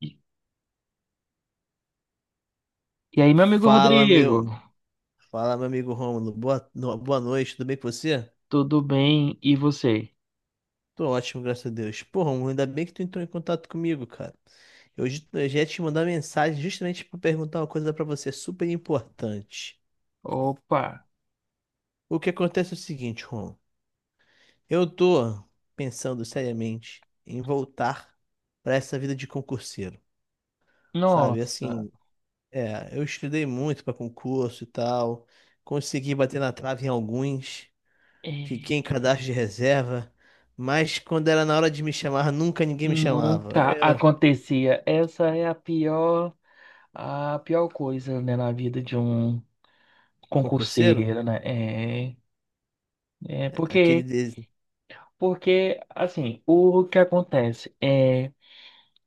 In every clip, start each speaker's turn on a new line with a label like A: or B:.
A: E e aí, meu amigo
B: Fala,
A: Rodrigo,
B: meu. Fala, meu amigo Rômulo. Boa, no- boa noite, tudo bem com você?
A: tudo bem? E você?
B: Tô ótimo, graças a Deus. Pô, Rômulo, ainda bem que tu entrou em contato comigo, cara. Eu já ia te mandar mensagem justamente pra perguntar uma coisa pra você super importante.
A: Opa,
B: O que acontece é o seguinte, Rômulo. Eu tô pensando seriamente em voltar pra essa vida de concurseiro, sabe?
A: nossa,
B: Assim, eu estudei muito pra concurso e tal, consegui bater na trave em alguns. Fiquei em
A: é,
B: cadastro de reserva, mas quando era na hora de me chamar, nunca ninguém me chamava.
A: nunca
B: Eu,
A: acontecia. Essa é a pior coisa, né, na vida de um
B: concurseiro?
A: concurseiro, né? É, é
B: Aquele
A: porque,
B: de.
A: assim, o que acontece é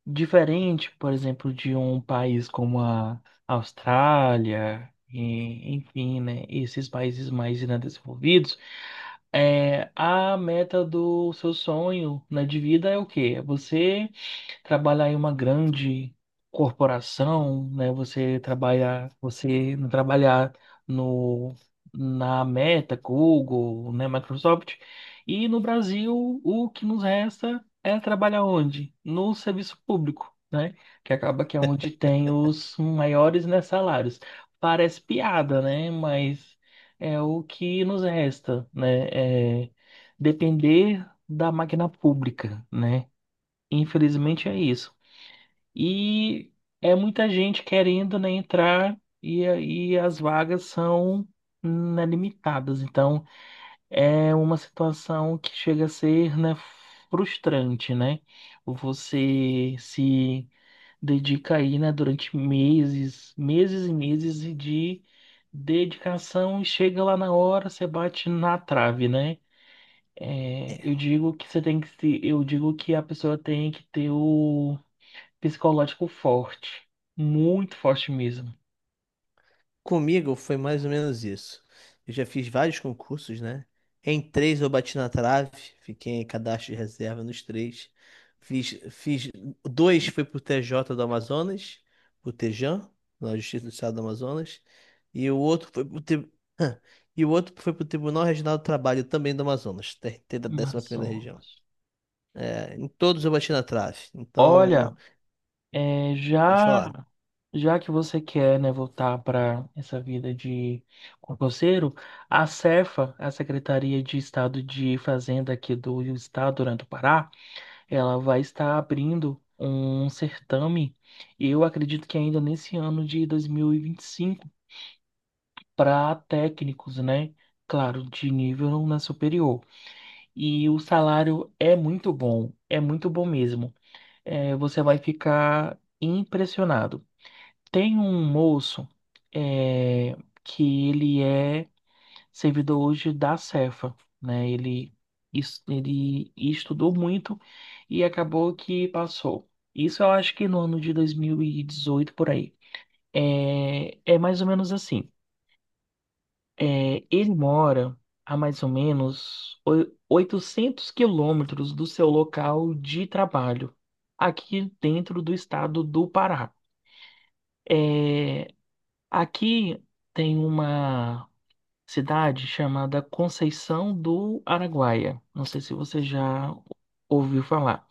A: diferente, por exemplo, de um país como a Austrália, e, enfim, né, esses países mais né, desenvolvidos, é, a meta do seu sonho, né, de vida é o quê? É você trabalhar em uma grande corporação, né? Você trabalhar, você não trabalhar no na Meta, Google, né, Microsoft. E no Brasil, o que nos resta é trabalhar onde? No serviço público, né? Que acaba que é onde tem os maiores, né, salários. Parece piada, né? Mas é o que nos resta, né? É depender da máquina pública, né? Infelizmente é isso. E é muita gente querendo, né, entrar e aí as vagas são né, limitadas. Então é uma situação que chega a ser, né, frustrante, né? Você se dedica aí, né, durante meses, meses e meses de dedicação e chega lá na hora, você bate na trave, né? É,
B: é,
A: eu digo que você tem que, eu digo que a pessoa tem que ter o psicológico forte, muito forte mesmo.
B: Comigo foi mais ou menos isso. Eu já fiz vários concursos, né? Em três eu bati na trave, fiquei em cadastro de reserva nos três. Fiz dois foi pro TJ do Amazonas, o Tejan, na Justiça do Estado do Amazonas, e o outro foi pro tri- e o outro foi pro Tribunal Regional do Trabalho também do Amazonas, TRT da 11ª região.
A: Amazonas.
B: É, em todos eu bati na trave. Então,
A: Olha, é,
B: pode
A: já
B: falar.
A: já que você quer, né, voltar para essa vida de concurseiro, a Cefa, a Secretaria de Estado de Fazenda aqui do Estado né, do Pará, ela vai estar abrindo um certame, eu acredito que ainda nesse ano de dois mil e vinte e cinco para técnicos, né? Claro, de nível né, superior. E o salário é muito bom mesmo. É, você vai ficar impressionado. Tem um moço, é, que ele é servidor hoje da Cefa, né? Ele, ele estudou muito e acabou que passou. Isso eu acho que no ano de 2018 por aí. É, é mais ou menos assim. É, ele mora a mais ou menos 800 quilômetros do seu local de trabalho, aqui dentro do estado do Pará. É, aqui tem uma cidade chamada Conceição do Araguaia. Não sei se você já ouviu falar.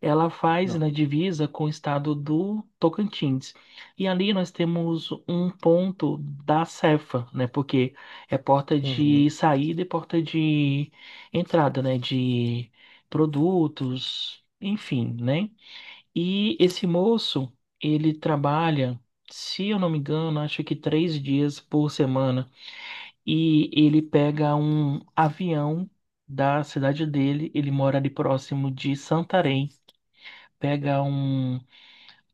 A: Ela faz
B: Não.
A: na divisa com o estado do Tocantins. E ali nós temos um ponto da Cefa, né? Porque é porta de
B: Uhum.
A: saída e porta de entrada, né? De produtos, enfim, né? E esse moço, ele trabalha, se eu não me engano, acho que 3 dias por semana. E ele pega um avião da cidade dele, ele mora ali próximo de Santarém, pega um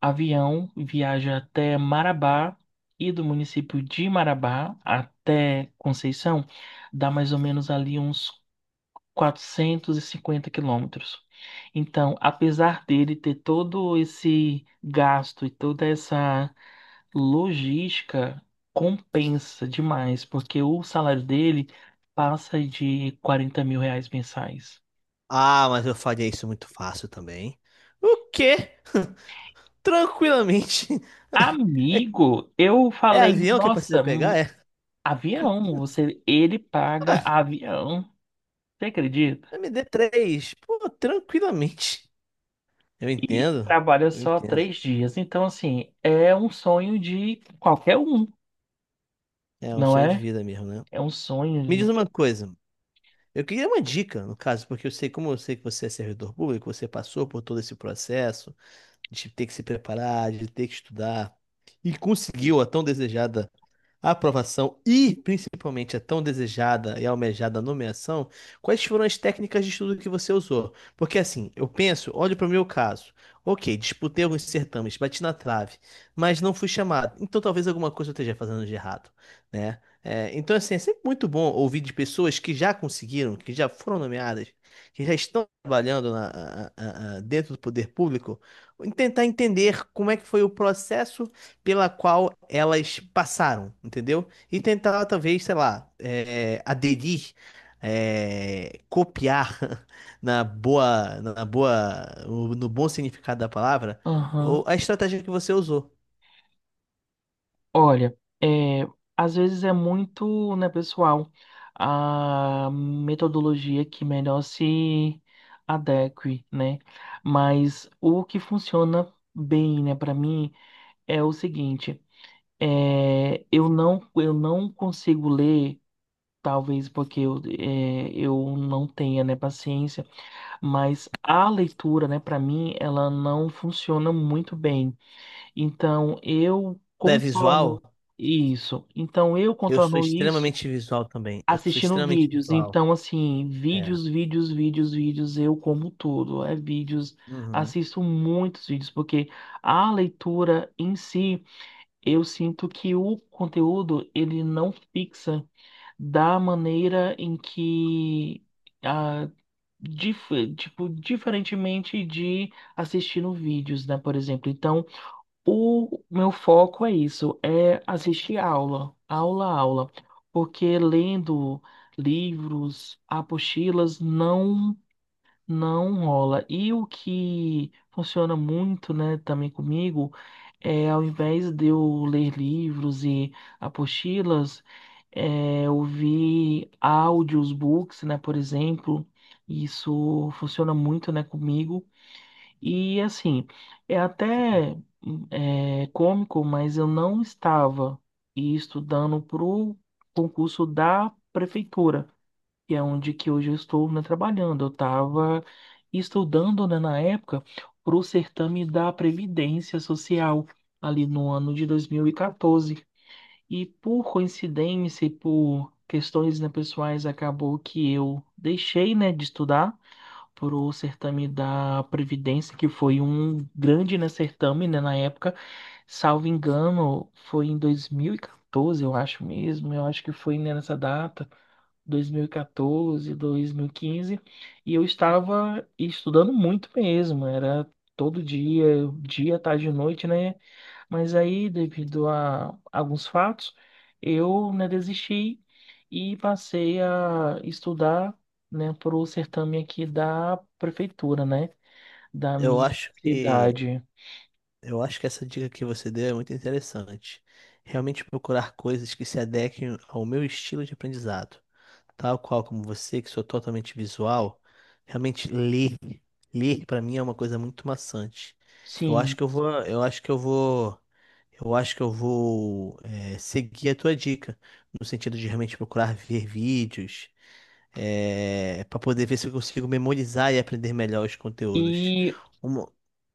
A: avião, viaja até Marabá e do município de Marabá até Conceição, dá mais ou menos ali uns 450 quilômetros. Então, apesar dele ter todo esse gasto e toda essa logística, compensa demais, porque o salário dele passa de R$ 40.000 mensais.
B: Ah, mas eu faria isso muito fácil também. O quê? Tranquilamente.
A: Amigo, eu
B: É
A: falei,
B: avião que precisa
A: nossa,
B: pegar? É.
A: avião, você, ele paga avião, você acredita?
B: md três. Pô, tranquilamente. Eu
A: E
B: entendo.
A: trabalha
B: Eu
A: só
B: entendo.
A: 3 dias. Então, assim, é um sonho de qualquer um,
B: É um
A: não
B: sonho de
A: é?
B: vida mesmo, né?
A: É um sonho,
B: Me
A: né?
B: diz uma coisa. Eu queria uma dica, no caso, porque eu sei, como eu sei que você é servidor público, você passou por todo esse processo de ter que se preparar, de ter que estudar e conseguiu a tão desejada a aprovação e, principalmente, a tão desejada e almejada nomeação, quais foram as técnicas de estudo que você usou? Porque assim, eu penso, olho para o meu caso. Ok, disputei alguns certames, bati na trave, mas não fui chamado. Então talvez alguma coisa eu esteja fazendo de errado, né? É, então, assim, é sempre muito bom ouvir de pessoas que já conseguiram, que já foram nomeadas, que já estão trabalhando dentro do poder público, tentar entender como é que foi o processo pela qual elas passaram, entendeu? E tentar, talvez, sei lá, aderir, copiar na boa, no bom significado da palavra, ou
A: Aham.
B: a estratégia que você usou.
A: Olha, é, às vezes é muito, né, pessoal, a metodologia que melhor se adeque, né? Mas o que funciona bem, né, para mim é o seguinte, é, eu não consigo ler. Talvez porque eu não tenha, né, paciência, mas a leitura, né, para mim, ela não funciona muito bem. Então, eu
B: Tu é visual?
A: contorno isso. Então, eu
B: Eu sou
A: contorno isso
B: extremamente visual também. Eu sou
A: assistindo
B: extremamente
A: vídeos.
B: visual.
A: Então, assim,
B: É.
A: vídeos, vídeos, vídeos, vídeos, eu como tudo. É vídeos,
B: Uhum.
A: assisto muitos vídeos, porque a leitura em si, eu sinto que o conteúdo, ele não fixa da maneira em que ah, tipo, diferentemente de assistindo vídeos, né, por exemplo. Então, o meu foco é isso, é assistir aula, aula, aula, porque lendo livros, apostilas, não rola. E o que funciona muito, né, também comigo, é ao invés de eu ler livros e apostilas, é, ouvir áudios, books, né, por exemplo. Isso funciona muito, né, comigo. E assim, é até cômico, mas eu não estava estudando para o concurso da prefeitura que é onde que hoje eu estou, né, trabalhando. Eu estava estudando, né, na época, para o certame da Previdência Social, ali no ano de 2014. E quatorze. E por coincidência e por questões, né, pessoais, acabou que eu deixei, né, de estudar para o certame da Previdência, que foi um grande, né, certame, né, na época. Salvo engano, foi em 2014, eu acho mesmo, eu acho que foi né, nessa data. 2014, 2015, e quatorze, 2015, e eu estava estudando muito mesmo, era todo dia, dia, tarde e noite, né? Mas aí, devido a alguns fatos, eu, né, desisti e passei a estudar, né, para o certame aqui da prefeitura, né, da
B: Eu
A: minha
B: acho que
A: cidade.
B: eu acho que essa dica que você deu é muito interessante. Realmente procurar coisas que se adequem ao meu estilo de aprendizado. Tal qual como você, que sou totalmente visual, realmente ler, ler para mim é uma coisa muito maçante. Eu acho
A: Sim.
B: que eu vou, eu acho que eu vou seguir a tua dica, no sentido de realmente procurar ver vídeos, é, para poder ver se eu consigo memorizar e aprender melhor os conteúdos.
A: E
B: Um,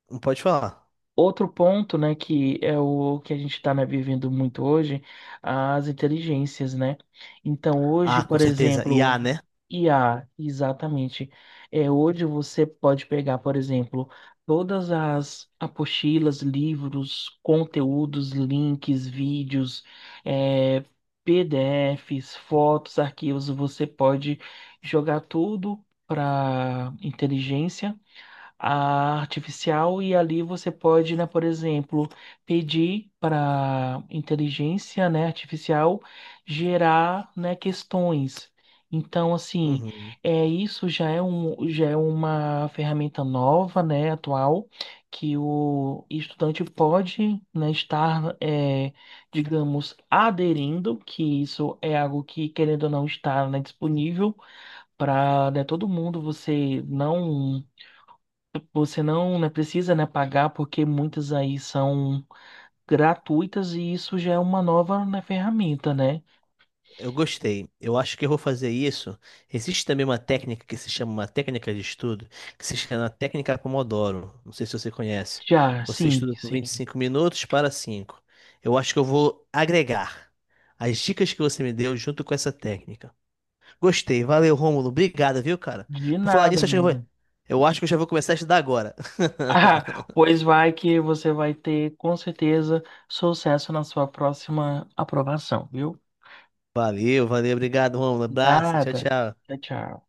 B: pode falar.
A: outro ponto, né, que é o que a gente está vivendo muito hoje, as inteligências, né? Então, hoje,
B: Ah, com
A: por
B: certeza. IA,
A: exemplo,
B: né?
A: IA, exatamente. É, hoje você pode pegar, por exemplo, todas as apostilas, livros, conteúdos, links, vídeos, é, PDFs, fotos, arquivos, você pode jogar tudo para inteligência a artificial e ali você pode, né, por exemplo, pedir para inteligência, né, artificial gerar, né, questões. Então, assim,
B: Uhum.
A: é isso já é uma ferramenta nova, né, atual, que o estudante pode, né, estar, é, digamos, aderindo, que isso é algo que, querendo ou não, está, né, disponível para todo mundo. Você não, né, precisa, né, pagar porque muitas aí são gratuitas e isso já é uma nova, né, ferramenta, né?
B: Eu gostei. Eu acho que eu vou fazer isso. Existe também uma técnica que se chama uma técnica de estudo, que se chama técnica Pomodoro. Não sei se você conhece.
A: Já,
B: Você
A: sim,
B: estuda por
A: sim.
B: 25 minutos para 5. Eu acho que eu vou agregar as dicas que você me deu junto com essa técnica. Gostei. Valeu, Rômulo. Obrigado, viu, cara?
A: De
B: Por falar
A: nada,
B: nisso, acho que eu vou...
A: amigo.
B: eu acho que eu já vou começar a estudar agora.
A: Ah, pois vai que você vai ter com certeza sucesso na sua próxima aprovação, viu?
B: Valeu, valeu. Obrigado, Rômulo. Abraço. Tchau,
A: Nada.
B: tchau.
A: Tchau, tchau.